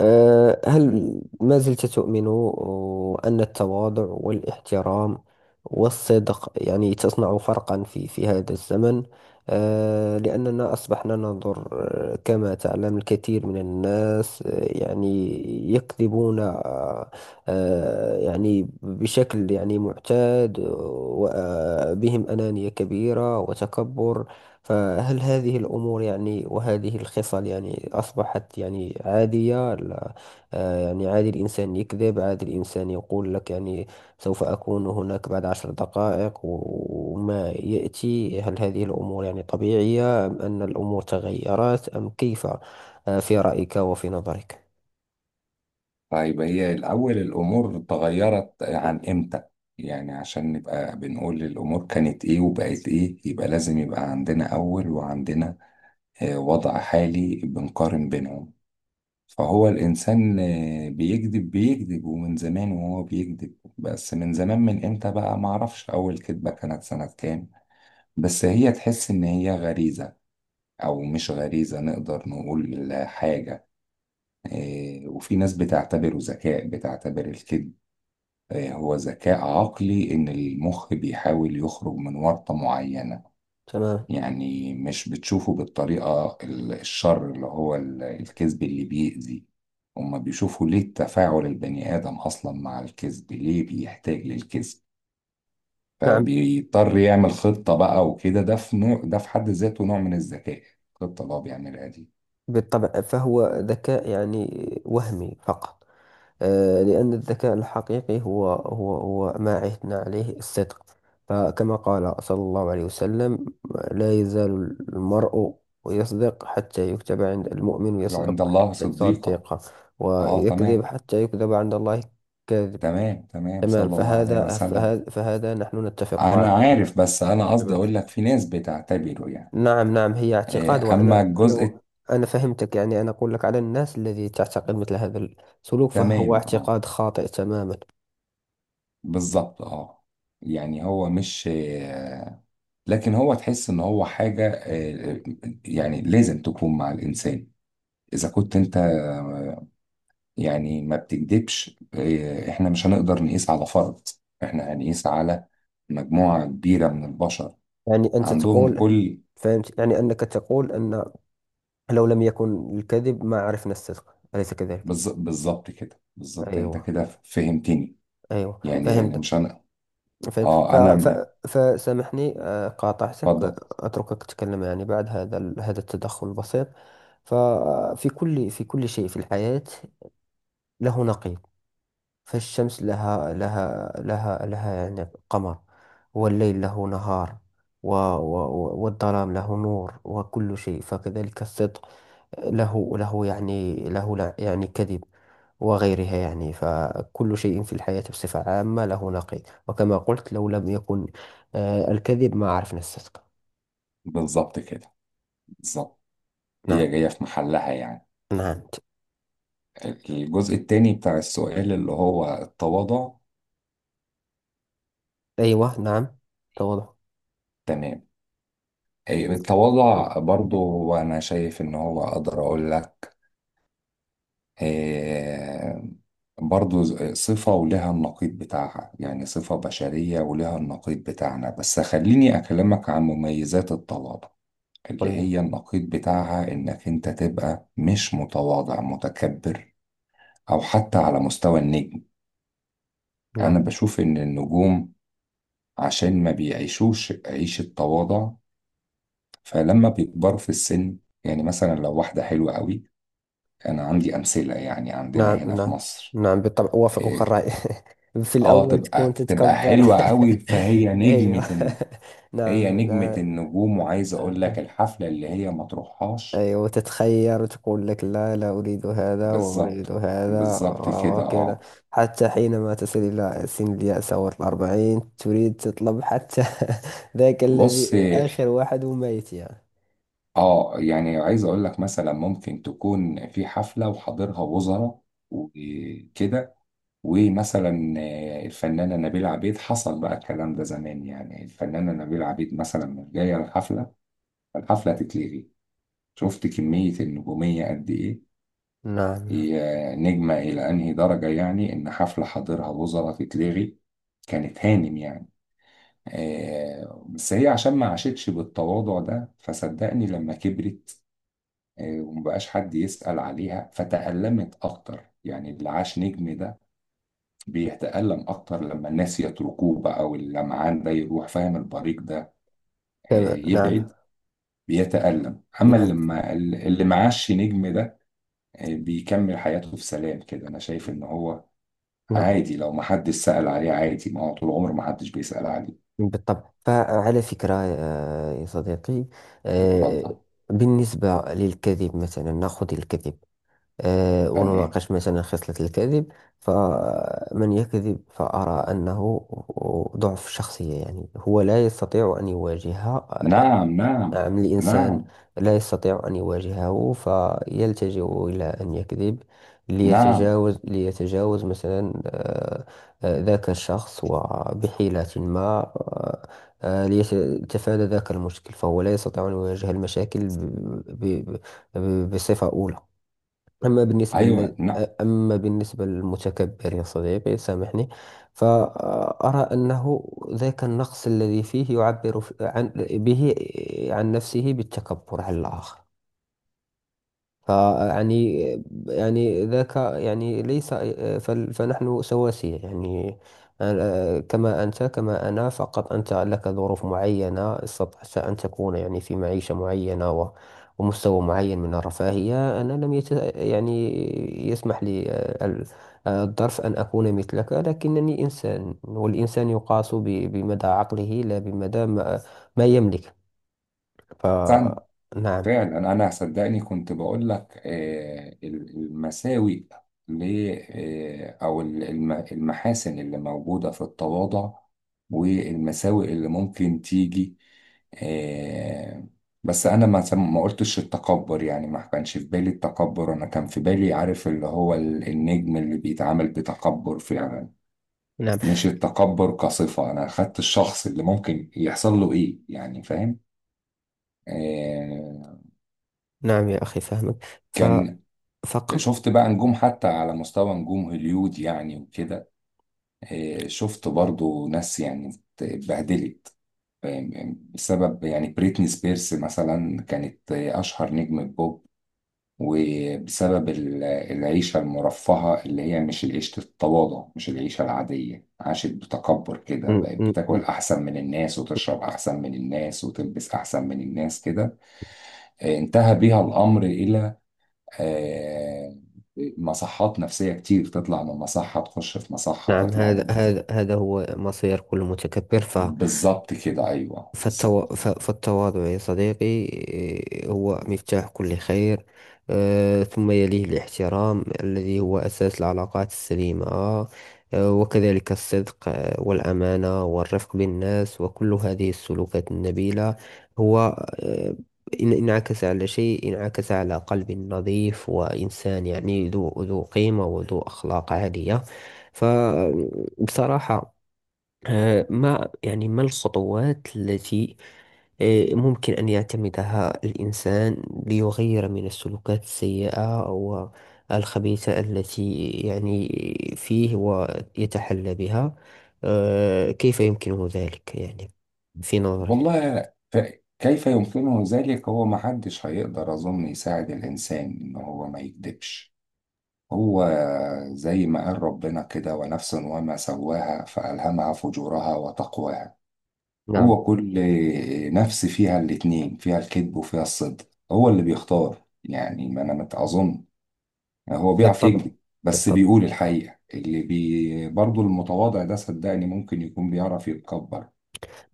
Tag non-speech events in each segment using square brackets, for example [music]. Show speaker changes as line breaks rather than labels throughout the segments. هل ما زلت تؤمن أن التواضع والاحترام والصدق يعني تصنع فرقا في هذا الزمن؟ لأننا أصبحنا ننظر، كما تعلم، الكثير من الناس يعني يكذبون، أه، أه، يعني بشكل يعني معتاد، وبهم أنانية كبيرة وتكبر. فهل هذه الأمور يعني وهذه الخصال يعني أصبحت يعني عادية؟ لا. يعني عادي الإنسان يكذب، عادي الإنسان يقول لك يعني سوف أكون هناك بعد 10 دقائق، و- وما يأتي. هل هذه الأمور يعني طبيعية، أم أن الأمور تغيرت، أم كيف في رأيك وفي نظرك؟
طيب، هي الأول الأمور اتغيرت عن إمتى؟ يعني عشان نبقى بنقول الأمور كانت إيه وبقت إيه، يبقى لازم يبقى عندنا أول وعندنا وضع حالي بنقارن بينهم. فهو الإنسان بيكذب بيكذب، ومن زمان وهو بيكذب، بس من زمان من إمتى بقى معرفش أول كذبة كانت سنة كام. بس هي تحس إن هي غريزة، أو مش غريزة نقدر نقول حاجة. وفي ناس بتعتبره ذكاء، بتعتبر الكذب هو ذكاء عقلي، إن المخ بيحاول يخرج من ورطة معينة.
تمام.
يعني مش بتشوفه بالطريقة الشر، اللي هو الكذب اللي بيأذي. هما بيشوفوا ليه تفاعل البني آدم أصلا مع الكذب، ليه بيحتاج للكذب،
نعم،
فبيضطر يعمل خطة بقى وكده. ده في نوع، ده في حد ذاته نوع من الذكاء، الخطة اللي هو بيعملها دي.
بالطبع فهو ذكاء يعني وهمي فقط. لأن الذكاء الحقيقي هو ما عهدنا عليه الصدق. فكما قال صلى الله عليه وسلم: لا يزال المرء يصدق حتى يكتب عند المؤمن،
عند
يصدق
الله صديقة.
صديقه،
اه
ويكذب
تمام.
حتى يكذب عند الله كذب.
تمام تمام،
تمام،
صلى الله عليه
فهذا
وسلم.
فهذا, فهذا نحن نتفق
انا
عليه.
عارف، بس انا قصدي
تمام،
اقول لك في ناس بتعتبره يعني
نعم، نعم، هي اعتقاد. وأنا
اما الجزء.
أنا أنا فهمتك، يعني أنا أقول لك على الناس الذي تعتقد مثل هذا السلوك، فهو
التمام اه.
اعتقاد خاطئ تماما.
بالظبط اه. يعني هو مش لكن هو تحس ان هو حاجة يعني لازم تكون مع الانسان اذا كنت انت، يعني ما بتكدبش. احنا مش هنقدر نقيس على فرد، احنا هنقيس على مجموعة كبيرة من البشر
يعني أنت
عندهم
تقول،
كل.
فهمت، يعني أنك تقول أن لو لم يكن الكذب ما عرفنا الصدق، أليس كذلك؟
بالظبط كده، بالظبط انت
أيوه،
كده فهمتني.
أيوه،
يعني مش
فهمت.
انا.
فهم ف...
اه انا
ف...
م-
فسامحني، قاطعتك،
اتفضل.
أتركك تتكلم يعني بعد هذا التدخل البسيط. ففي كل شيء في الحياة له نقيض. فالشمس لها يعني قمر، والليل له نهار، و... و... و- والظلام له نور، وكل شيء، فكذلك الصدق له يعني كذب، وغيرها، يعني فكل شيء في الحياة بصفة عامة له نقيض. وكما قلت، لو لم يكن الكذب ما عرفنا الصدق.
بالظبط كده بالظبط. هي
نعم،
جاية في محلها يعني.
نعم،
الجزء التاني بتاع السؤال اللي هو التواضع.
أيوة، نعم، توضح.
تمام. إيه، التواضع برضو أنا شايف إن هو أقدر أقول لك. إيه، برضو صفة ولها النقيض بتاعها، يعني صفة بشرية ولها النقيض بتاعنا، بس خليني أكلمك عن مميزات التواضع اللي
قل-
هي النقيض بتاعها، إنك أنت تبقى مش متواضع، متكبر، أو حتى على مستوى النجم. أنا
نعم،
بشوف إن النجوم عشان ما بيعيشوش عيشة تواضع، فلما بيكبروا في السن، يعني مثلا لو واحدة حلوة قوي، أنا عندي أمثلة يعني عندنا
نعم،
هنا في
نعم،
مصر.
نعم، بالطبع أوافقك
إيه،
الرأي. [laughs] في
آه
الأول تكون
تبقى تبقى
تتكبر
حلوة
[laughs]
قوي فهي
أيوة.
نجمة.
[laughs]
هي
نعم،
نجمة
نعم.
النجوم، وعايز أقول لك الحفلة اللي هي ما تروحهاش.
أيوة، وتتخير وتقول لك: لا، لا أريد هذا وأريد
بالظبط.
هذا،
بالظبط كده
وكذا.
آه.
حتى حينما تصل إلى سن اليأس أو الأربعين، تريد تطلب حتى [laughs] ذاك
بص.
الذي آخر واحد وميت، يعني.
يعني عايز أقول لك مثلا ممكن تكون في حفلة وحاضرها وزراء وكده، ومثلا الفنانة نبيلة عبيد، حصل بقى الكلام ده زمان، يعني الفنانة نبيلة عبيد مثلا مش جاية الحفلة تتلغي. شفت كمية النجومية قد إيه،
نعم، نعم،
هي نجمة إلى أنهي درجة، يعني إن حفلة حاضرها وزراء تتلغي. كانت هانم يعني. بس هي عشان ما عاشتش بالتواضع ده فصدقني لما كبرت، ومبقاش حد يسأل عليها فتألمت أكتر. يعني اللي عاش نجم ده بيتألم أكتر لما الناس يتركوه بقى، واللمعان ده يروح، فاهم، البريق ده
كما نعم،
يبعد، بيتألم، أما
نعم،
اللي ما اللي معاش نجم ده بيكمل حياته في سلام كده. أنا شايف إن هو
نعم،
عادي لو محدش سأل عليه عادي، ما هو طول عمره محدش بيسأل عليه.
بالطبع. فعلى فكرة، يا صديقي،
اتفضل.
آه، بالنسبة للكذب، مثلا نأخذ الكذب،
تمام.
ونناقش مثلا خصلة الكذب. فمن يكذب فأرى أنه ضعف شخصية، يعني هو لا يستطيع أن يواجه.
نعم نعم
نعم، الإنسان
نعم
لا يستطيع أن يواجهه، فيلتجئ إلى أن يكذب
نعم.
ليتجاوز مثلا، ذاك الشخص، وبحيلة ما، آه، ليتفادى ذاك المشكل، فهو لا يستطيع أن يواجه المشاكل ب- بصفة أولى. أما بالنسبة
أيوه
لل...
نعم.
أما بالنسبة للمتكبر، يا صديقي، سامحني، فأرى أنه ذاك النقص الذي فيه يعبر عن نفسه بالتكبر على الآخر، فيعني يعني ذاك يعني ليس، فنحن سواسية، يعني كما أنت كما أنا، فقط أنت لك ظروف معينة، استطعت أن تكون يعني في معيشة معينة، ومستوى معين من الرفاهية. أنا لم يت... يعني يسمح لي الظرف أن أكون مثلك، لكنني إنسان، والإنسان يقاس بمدى عقله، لا بمدى ما يملك.
استنى،
فنعم،
فعلا انا صدقني كنت بقول لك المساوئ ل او المحاسن اللي موجوده في التواضع، والمساوئ اللي ممكن تيجي آه، بس انا ما ما قلتش التكبر، يعني ما كانش في بالي التكبر، انا كان في بالي عارف اللي هو النجم اللي بيتعامل بتكبر فعلا،
نعم،
مش التكبر كصفه. انا خدت الشخص اللي ممكن يحصل له ايه، يعني فاهم. آه،
نعم، يا أخي فهمك، ف
كان
فقط.
شفت بقى نجوم حتى على مستوى نجوم هوليود يعني وكده. شفت برضو ناس يعني اتبهدلت، فاهم؟ يعني بسبب، يعني بريتني سبيرس مثلا كانت أشهر نجم بوب، وبسبب العيشة المرفهة اللي هي مش العيشة التواضع، مش العيشة العادية، عاشت بتكبر كده،
م-
بقت
م- م.
بتاكل أحسن من الناس وتشرب أحسن من الناس وتلبس أحسن من الناس كده. انتهى بيها الأمر إلى آه، مصحات نفسية كتير، تطلع من مصحة تخش في مصحة
نعم،
تطلع من
هذا
مصحة.
هذا هذا هو مصير كل متكبر.
بالظبط كده أيوه بالظبط.
فالتواضع يا صديقي، إيه، هو مفتاح كل خير، ثم يليه الاحترام الذي هو أساس العلاقات السليمة، وكذلك الصدق، والأمانة، والرفق بالناس، وكل هذه السلوكات النبيلة. هو آه، إن انعكس على شيء، انعكس على قلب نظيف، وإنسان يعني ذو قيمة، وذو أخلاق عالية. فبصراحة، ما يعني ما الخطوات التي ممكن أن يعتمدها الإنسان ليغير من السلوكات السيئة والخبيثة التي يعني فيه ويتحلى بها، كيف يمكنه ذلك، يعني في نظرك؟
والله كيف يمكنه ذلك، هو ما حدش هيقدر أظن يساعد الإنسان إن هو ما يكذبش. هو زي ما قال ربنا كده، ونفس وما سواها فألهمها فجورها وتقواها.
نعم،
هو كل نفس فيها الاتنين، فيها الكذب وفيها الصدق، هو اللي بيختار. يعني ما أنا متأظن، هو بيعرف
بالطبع،
يكذب بس
بالطبع،
بيقول الحقيقة، اللي برضه المتواضع ده صدقني ممكن يكون بيعرف يتكبر،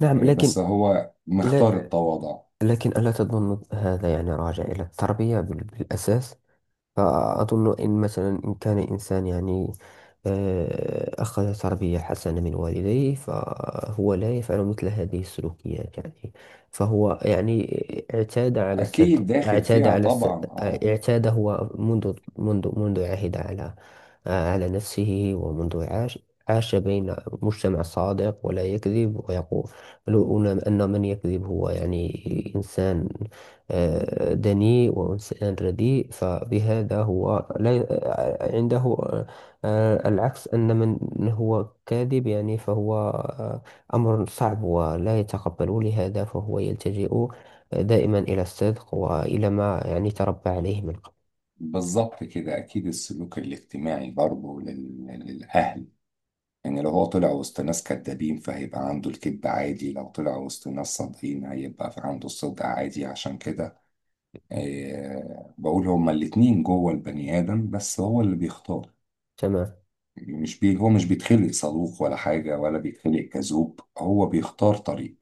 نعم،
بس
لكن
هو مختار
لا،
التواضع.
لكن ألا تظن هذا يعني راجع إلى التربية بالأساس؟ فأظن إن مثلا إن كان إنسان، يعني، أخذ تربية حسنة من والديه، فهو لا يفعل مثل هذه السلوكيات، يعني فهو يعني اعتاد على الستر،
أكيد داخل
اعتاد
فيها
على الستر،
طبعا اه.
اعتاد هو منذ منذ عهد على على نفسه، ومنذ عاش بين مجتمع صادق ولا يكذب، ويقول أن من يكذب هو يعني إنسان دني وأنس ردي، فبهذا هو لا عنده العكس. أن من هو كاذب يعني فهو، أمر صعب ولا يتقبل، لهذا فهو يلتجئ دائما إلى الصدق، وإلى ما يعني تربى عليه من قبل.
بالظبط كده، أكيد السلوك الاجتماعي برضه للأهل، يعني لو هو طلع وسط ناس كدابين فهيبقى عنده الكذب عادي، لو طلع وسط ناس صادقين هيبقى في عنده الصدق عادي. عشان كده بقول هما الاتنين جوه البني آدم، بس هو اللي بيختار.
تمام.
يعني مش هو مش بيتخلق صاروخ ولا حاجة، ولا بيتخلق كذوب، هو بيختار طريق